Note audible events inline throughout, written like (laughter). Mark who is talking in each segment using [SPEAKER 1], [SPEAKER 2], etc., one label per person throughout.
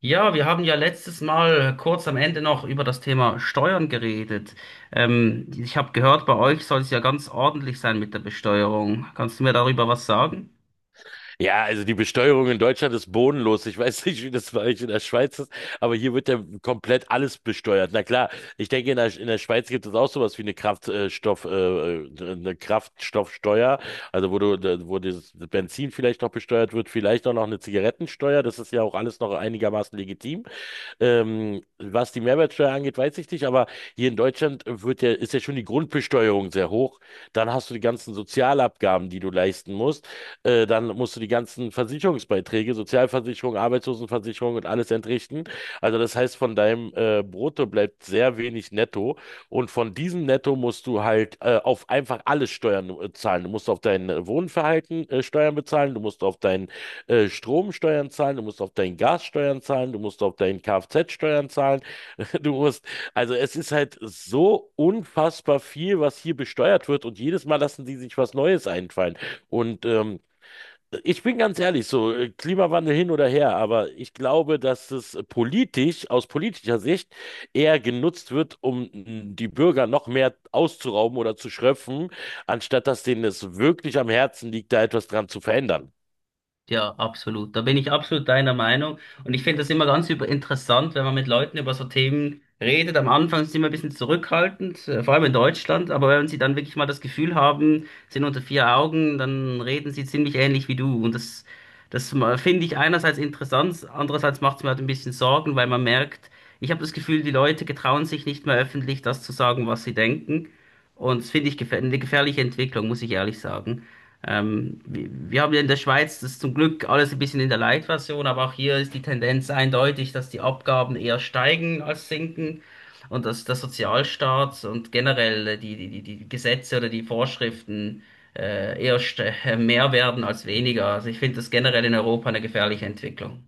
[SPEAKER 1] Ja, wir haben ja letztes Mal kurz am Ende noch über das Thema Steuern geredet. Ich habe gehört, bei euch soll es ja ganz ordentlich sein mit der Besteuerung. Kannst du mir darüber was sagen?
[SPEAKER 2] Ja, also die Besteuerung in Deutschland ist bodenlos. Ich weiß (laughs) nicht, wie das bei euch in der Schweiz ist, aber hier wird ja komplett alles besteuert. Na klar, ich denke, in der Schweiz gibt es auch sowas wie eine Kraftstoff, eine Kraftstoffsteuer, also wo du, wo das Benzin vielleicht noch besteuert wird, vielleicht auch noch eine Zigarettensteuer. Das ist ja auch alles noch einigermaßen legitim. Was die Mehrwertsteuer angeht, weiß ich nicht, aber hier in Deutschland ist ja schon die Grundbesteuerung sehr hoch. Dann hast du die ganzen Sozialabgaben, die du leisten musst. Dann musst du die ganzen Versicherungsbeiträge, Sozialversicherung, Arbeitslosenversicherung und alles entrichten. Also das heißt, von deinem Brutto bleibt sehr wenig netto. Und von diesem Netto musst du halt auf einfach alles Steuern zahlen. Du musst auf dein Wohnverhalten Steuern bezahlen, du musst auf deinen Strom Steuern zahlen, du musst auf dein Gas Steuern zahlen, du musst auf deinen Kfz Steuern zahlen, (laughs) du musst, es ist halt so unfassbar viel, was hier besteuert wird, und jedes Mal lassen die sich was Neues einfallen. Und ich bin ganz ehrlich, so Klimawandel hin oder her, aber ich glaube, dass es politisch, aus politischer Sicht, eher genutzt wird, um die Bürger noch mehr auszurauben oder zu schröpfen, anstatt dass denen es wirklich am Herzen liegt, da etwas dran zu verändern.
[SPEAKER 1] Ja, absolut. Da bin ich absolut deiner Meinung. Und ich finde das immer ganz über interessant, wenn man mit Leuten über so Themen redet. Am Anfang sind sie immer ein bisschen zurückhaltend, vor allem in Deutschland. Aber wenn sie dann wirklich mal das Gefühl haben, sind unter vier Augen, dann reden sie ziemlich ähnlich wie du. Und das finde ich einerseits interessant, andererseits macht es mir halt ein bisschen Sorgen, weil man merkt, ich habe das Gefühl, die Leute getrauen sich nicht mehr öffentlich, das zu sagen, was sie denken. Und das finde ich gefähr eine gefährliche Entwicklung, muss ich ehrlich sagen. Wir haben ja in der Schweiz das zum Glück alles ein bisschen in der Light-Version, aber auch hier ist die Tendenz eindeutig, dass die Abgaben eher steigen als sinken und dass der Sozialstaat und generell die Gesetze oder die Vorschriften eher mehr werden als weniger. Also ich finde das generell in Europa eine gefährliche Entwicklung.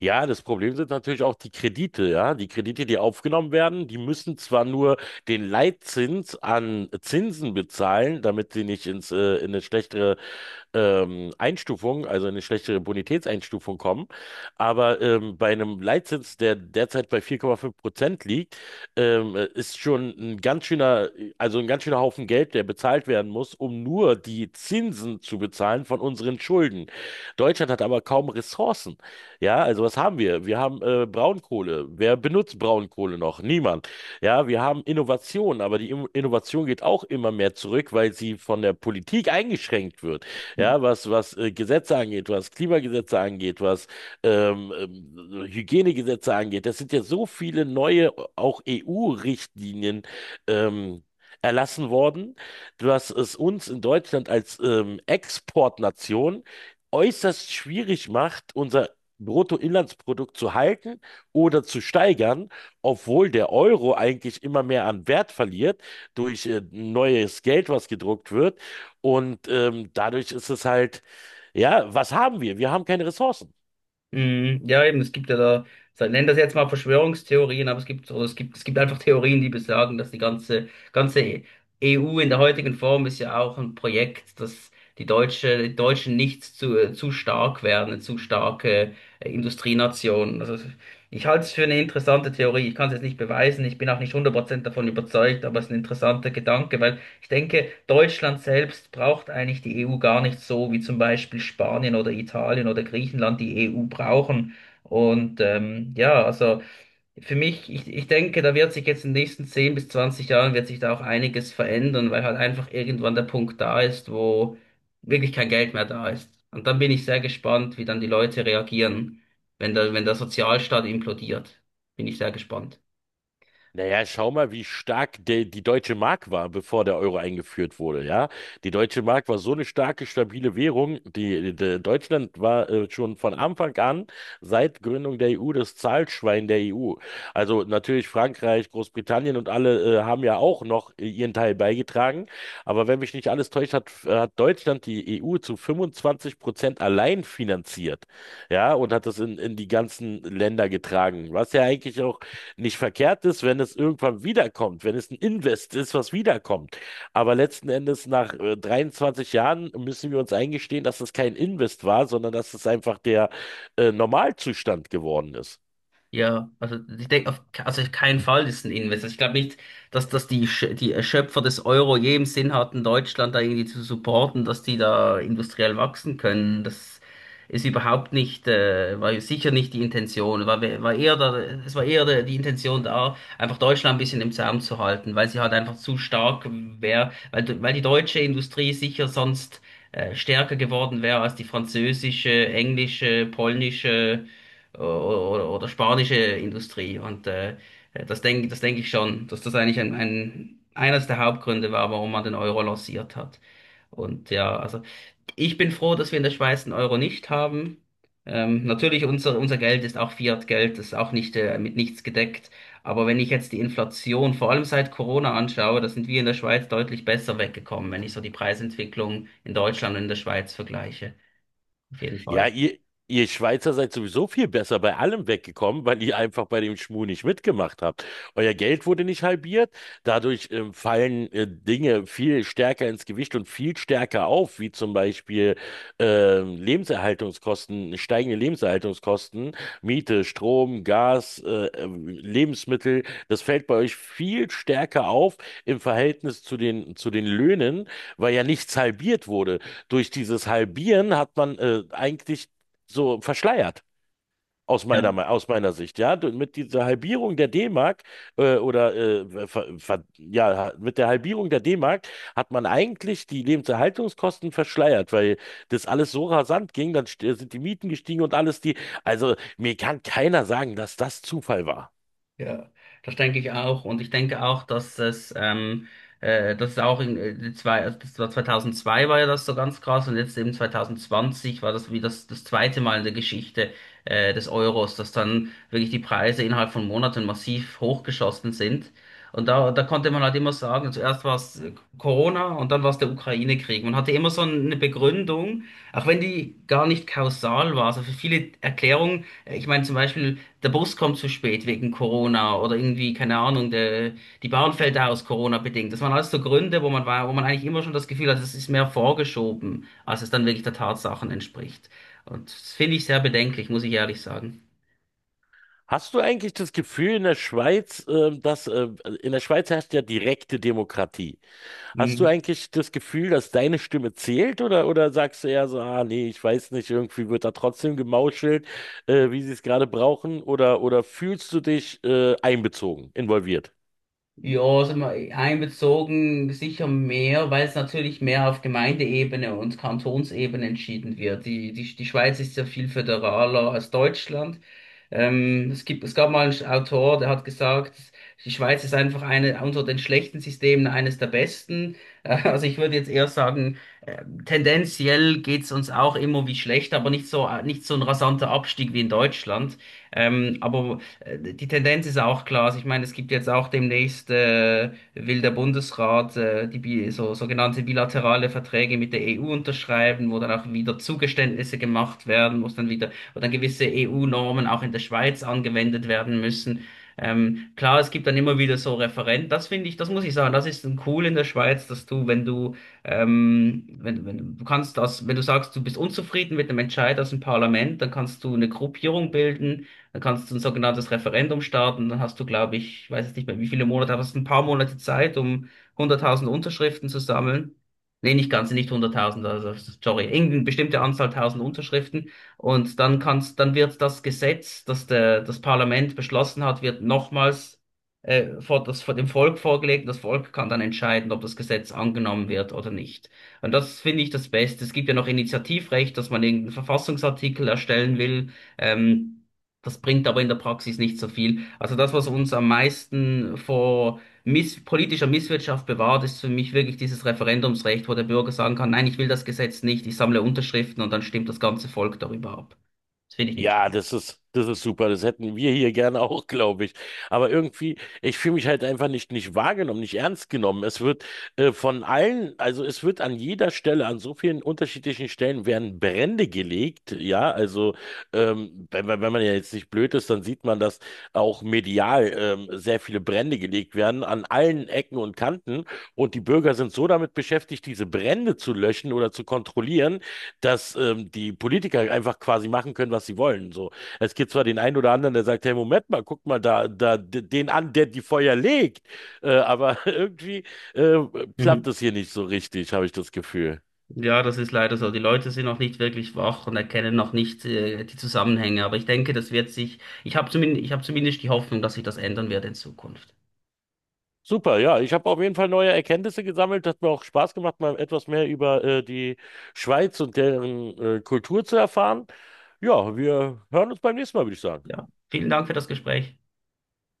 [SPEAKER 2] Ja, das Problem sind natürlich auch die Kredite, ja. Die Kredite, die aufgenommen werden, die müssen zwar nur den Leitzins an Zinsen bezahlen, damit sie nicht in eine schlechtere Einstufung, also eine schlechtere Bonitätseinstufung kommen. Aber bei einem Leitzins, der derzeit bei vier Komma fünf Prozent liegt, ist schon ein ganz schöner, also ein ganz schöner Haufen Geld, der bezahlt werden muss, um nur die Zinsen zu bezahlen von unseren Schulden. Deutschland hat aber kaum Ressourcen. Ja, also was haben wir? Wir haben Braunkohle. Wer benutzt Braunkohle noch? Niemand. Ja, wir haben Innovation, aber die Innovation geht auch immer mehr zurück, weil sie von der Politik eingeschränkt wird, ja, was Gesetze angeht, was Klimagesetze angeht, was Hygienegesetze angeht. Das sind ja so viele neue, auch EU-Richtlinien ähm, erlassen worden, dass es uns in Deutschland als Exportnation äußerst schwierig macht, unser Bruttoinlandsprodukt zu halten oder zu steigern, obwohl der Euro eigentlich immer mehr an Wert verliert durch neues Geld, was gedruckt wird, und dadurch ist es halt, ja, was haben wir? Wir haben keine Ressourcen.
[SPEAKER 1] Mhm. Ja, eben, es gibt ja da, so, nennen das jetzt mal Verschwörungstheorien, aber es gibt, oder es gibt einfach Theorien, die besagen, dass die ganze EU in der heutigen Form ist ja auch ein Projekt, dass die Deutschen nicht zu stark werden, eine zu starke Industrienation. Also ich halte es für eine interessante Theorie. Ich kann es jetzt nicht beweisen, ich bin auch nicht 100% davon überzeugt, aber es ist ein interessanter Gedanke, weil ich denke, Deutschland selbst braucht eigentlich die EU gar nicht so, wie zum Beispiel Spanien oder Italien oder Griechenland die EU brauchen. Und ja, also für mich, ich denke, da wird sich jetzt in den nächsten 10 bis 20 Jahren wird sich da auch einiges verändern, weil halt einfach irgendwann der Punkt da ist, wo wirklich kein Geld mehr da ist. Und dann bin ich sehr gespannt, wie dann die Leute reagieren, wenn der Sozialstaat implodiert. Bin ich sehr gespannt.
[SPEAKER 2] Naja, schau mal, wie stark die deutsche Mark war, bevor der Euro eingeführt wurde, ja. Die deutsche Mark war so eine starke, stabile Währung. Deutschland war schon von Anfang an, seit Gründung der EU, das Zahlschwein der EU. Also natürlich Frankreich, Großbritannien und alle haben ja auch noch ihren Teil beigetragen. Aber wenn mich nicht alles täuscht, hat Deutschland die EU zu 25% allein finanziert, ja, und hat das in die ganzen Länder getragen. Was ja eigentlich auch nicht verkehrt ist, wenn es irgendwann wiederkommt, wenn es ein Invest ist, was wiederkommt. Aber letzten Endes, nach 23 Jahren, müssen wir uns eingestehen, dass es kein Invest war, sondern dass es einfach der Normalzustand geworden ist.
[SPEAKER 1] Ja, also ich denke auf keinen Fall ist ein Investor. Ich glaube nicht, dass die Schöpfer des Euro je im Sinn hatten, Deutschland da irgendwie zu supporten, dass die da industriell wachsen können. Das ist überhaupt nicht, war ja sicher nicht die Intention. War eher da, es war eher die Intention da, einfach Deutschland ein bisschen im Zaum zu halten, weil sie halt einfach zu stark wäre, weil die deutsche Industrie sicher sonst stärker geworden wäre als die französische, englische, polnische spanische Industrie. Und das denk ich schon, dass das eigentlich eines der Hauptgründe war, warum man den Euro lanciert hat. Und ja, also ich bin froh, dass wir in der Schweiz den Euro nicht haben. Natürlich, unser Geld ist auch Fiat-Geld, das ist auch nicht mit nichts gedeckt. Aber wenn ich jetzt die Inflation, vor allem seit Corona anschaue, da sind wir in der Schweiz deutlich besser weggekommen, wenn ich so die Preisentwicklung in Deutschland und in der Schweiz vergleiche. Auf jeden
[SPEAKER 2] Ja,
[SPEAKER 1] Fall.
[SPEAKER 2] ihr, Ihr Schweizer seid sowieso viel besser bei allem weggekommen, weil ihr einfach bei dem Schmuh nicht mitgemacht habt. Euer Geld wurde nicht halbiert, dadurch fallen Dinge viel stärker ins Gewicht und viel stärker auf, wie zum Beispiel Lebenserhaltungskosten, steigende Lebenserhaltungskosten, Miete, Strom, Gas, Lebensmittel. Das fällt bei euch viel stärker auf im Verhältnis zu den Löhnen, weil ja nichts halbiert wurde. Durch dieses Halbieren hat man eigentlich so verschleiert.
[SPEAKER 1] Ja.
[SPEAKER 2] Aus meiner Sicht, ja. Mit dieser Halbierung der D-Mark oder ver, ver, ja, ha- mit der Halbierung der D-Mark hat man eigentlich die Lebenserhaltungskosten verschleiert, weil das alles so rasant ging, dann sind die Mieten gestiegen und alles die. Also mir kann keiner sagen, dass das Zufall war.
[SPEAKER 1] Ja, das denke ich auch. Und ich denke auch, dass das ist auch in, die zwei, also das war 2002 war ja das so ganz krass und jetzt eben 2020 war das wie das zweite Mal in der Geschichte, des Euros, dass dann wirklich die Preise innerhalb von Monaten massiv hochgeschossen sind. Und da konnte man halt immer sagen, zuerst war es Corona und dann war es der Ukraine-Krieg. Man hatte immer so eine Begründung, auch wenn die gar nicht kausal war. Also für viele Erklärungen, ich meine zum Beispiel, der Bus kommt zu spät wegen Corona oder irgendwie, keine Ahnung, die Bahn fällt aus Corona bedingt. Das waren alles so Gründe, wo man war, wo man eigentlich immer schon das Gefühl hat, es ist mehr vorgeschoben, als es dann wirklich der Tatsachen entspricht. Und das finde ich sehr bedenklich, muss ich ehrlich sagen.
[SPEAKER 2] Hast du eigentlich das Gefühl in der Schweiz, dass in der Schweiz herrscht ja direkte Demokratie? Hast du eigentlich das Gefühl, dass deine Stimme zählt, oder sagst du eher so, ah nee, ich weiß nicht, irgendwie wird da trotzdem gemauschelt, wie sie es gerade brauchen, oder fühlst du dich einbezogen, involviert?
[SPEAKER 1] Ja, sind wir einbezogen, sicher mehr, weil es natürlich mehr auf Gemeindeebene und Kantonsebene entschieden wird. Die Schweiz ist ja viel föderaler als Deutschland. Es gab mal einen Autor, der hat gesagt, die Schweiz ist einfach eine, unter den schlechten Systemen eines der besten. (laughs) Also ich würde jetzt eher sagen, äh, tendenziell geht's uns auch immer wie schlecht, aber nicht so, nicht so ein rasanter Abstieg wie in Deutschland. Aber die Tendenz ist auch klar. Also ich meine, es gibt jetzt auch demnächst, will der Bundesrat, die bi so sogenannte bilaterale Verträge mit der EU unterschreiben, wo dann auch wieder Zugeständnisse gemacht werden, wo dann gewisse EU-Normen auch in der Schweiz angewendet werden müssen. Klar, es gibt dann immer wieder so Referenten. Das finde ich, das muss ich sagen, das ist ein cool in der Schweiz, dass du wenn, wenn, du kannst das, wenn du sagst, du bist unzufrieden mit dem Entscheid aus dem Parlament, dann kannst du eine Gruppierung bilden, dann kannst du ein sogenanntes Referendum starten. Dann hast du, glaube ich, ich weiß jetzt nicht mehr, wie viele Monate, aber es sind ein paar Monate Zeit, um 100.000 Unterschriften zu sammeln. Nee, nicht ganz, nicht 100.000. Also sorry, irgendeine bestimmte Anzahl tausend Unterschriften. Und dann dann wird das Gesetz, das Parlament beschlossen hat, wird nochmals vor vor dem Volk vorgelegt. Das Volk kann dann entscheiden, ob das Gesetz angenommen wird oder nicht. Und das finde ich das Beste. Es gibt ja noch Initiativrecht, dass man irgendeinen Verfassungsartikel erstellen will. Ähm, Das bringt aber in der Praxis nicht so viel. Also das, was uns am meisten vor miss politischer Misswirtschaft bewahrt, ist für mich wirklich dieses Referendumsrecht, wo der Bürger sagen kann, nein, ich will das Gesetz nicht, ich sammle Unterschriften und dann stimmt das ganze Volk darüber ab. Das finde ich nicht
[SPEAKER 2] Ja,
[SPEAKER 1] schlimm.
[SPEAKER 2] das ist super. Das hätten wir hier gerne (laughs) auch, glaube ich. Aber irgendwie, ich fühle mich halt einfach nicht wahrgenommen, nicht ernst genommen. Es wird also es wird an jeder Stelle, an so vielen unterschiedlichen Stellen werden Brände gelegt. Ja, also wenn man ja jetzt nicht blöd ist, dann sieht man, dass auch medial sehr viele Brände gelegt werden an allen Ecken und Kanten. Und die Bürger sind so damit beschäftigt, diese Brände zu löschen oder zu kontrollieren, dass die Politiker einfach quasi machen können, was sie wollen. So, es gibt zwar den einen oder anderen, der sagt, hey, Moment mal, guck mal da, den an, der die Feuer legt, aber (laughs) irgendwie äh, klappt
[SPEAKER 1] Mhm.
[SPEAKER 2] das hier nicht so richtig, habe ich das Gefühl.
[SPEAKER 1] Ja, das ist leider so. Die Leute sind noch nicht wirklich wach und erkennen noch nicht die Zusammenhänge. Aber ich denke, das wird sich, ich habe zumindest die Hoffnung, dass sich das ändern wird in Zukunft.
[SPEAKER 2] Super, ja, ich habe auf jeden Fall neue Erkenntnisse gesammelt. Hat mir auch Spaß gemacht, mal etwas mehr über die Schweiz und deren Kultur zu erfahren. Ja, wir hören uns beim nächsten Mal, würde ich sagen.
[SPEAKER 1] Ja, vielen Dank für das Gespräch.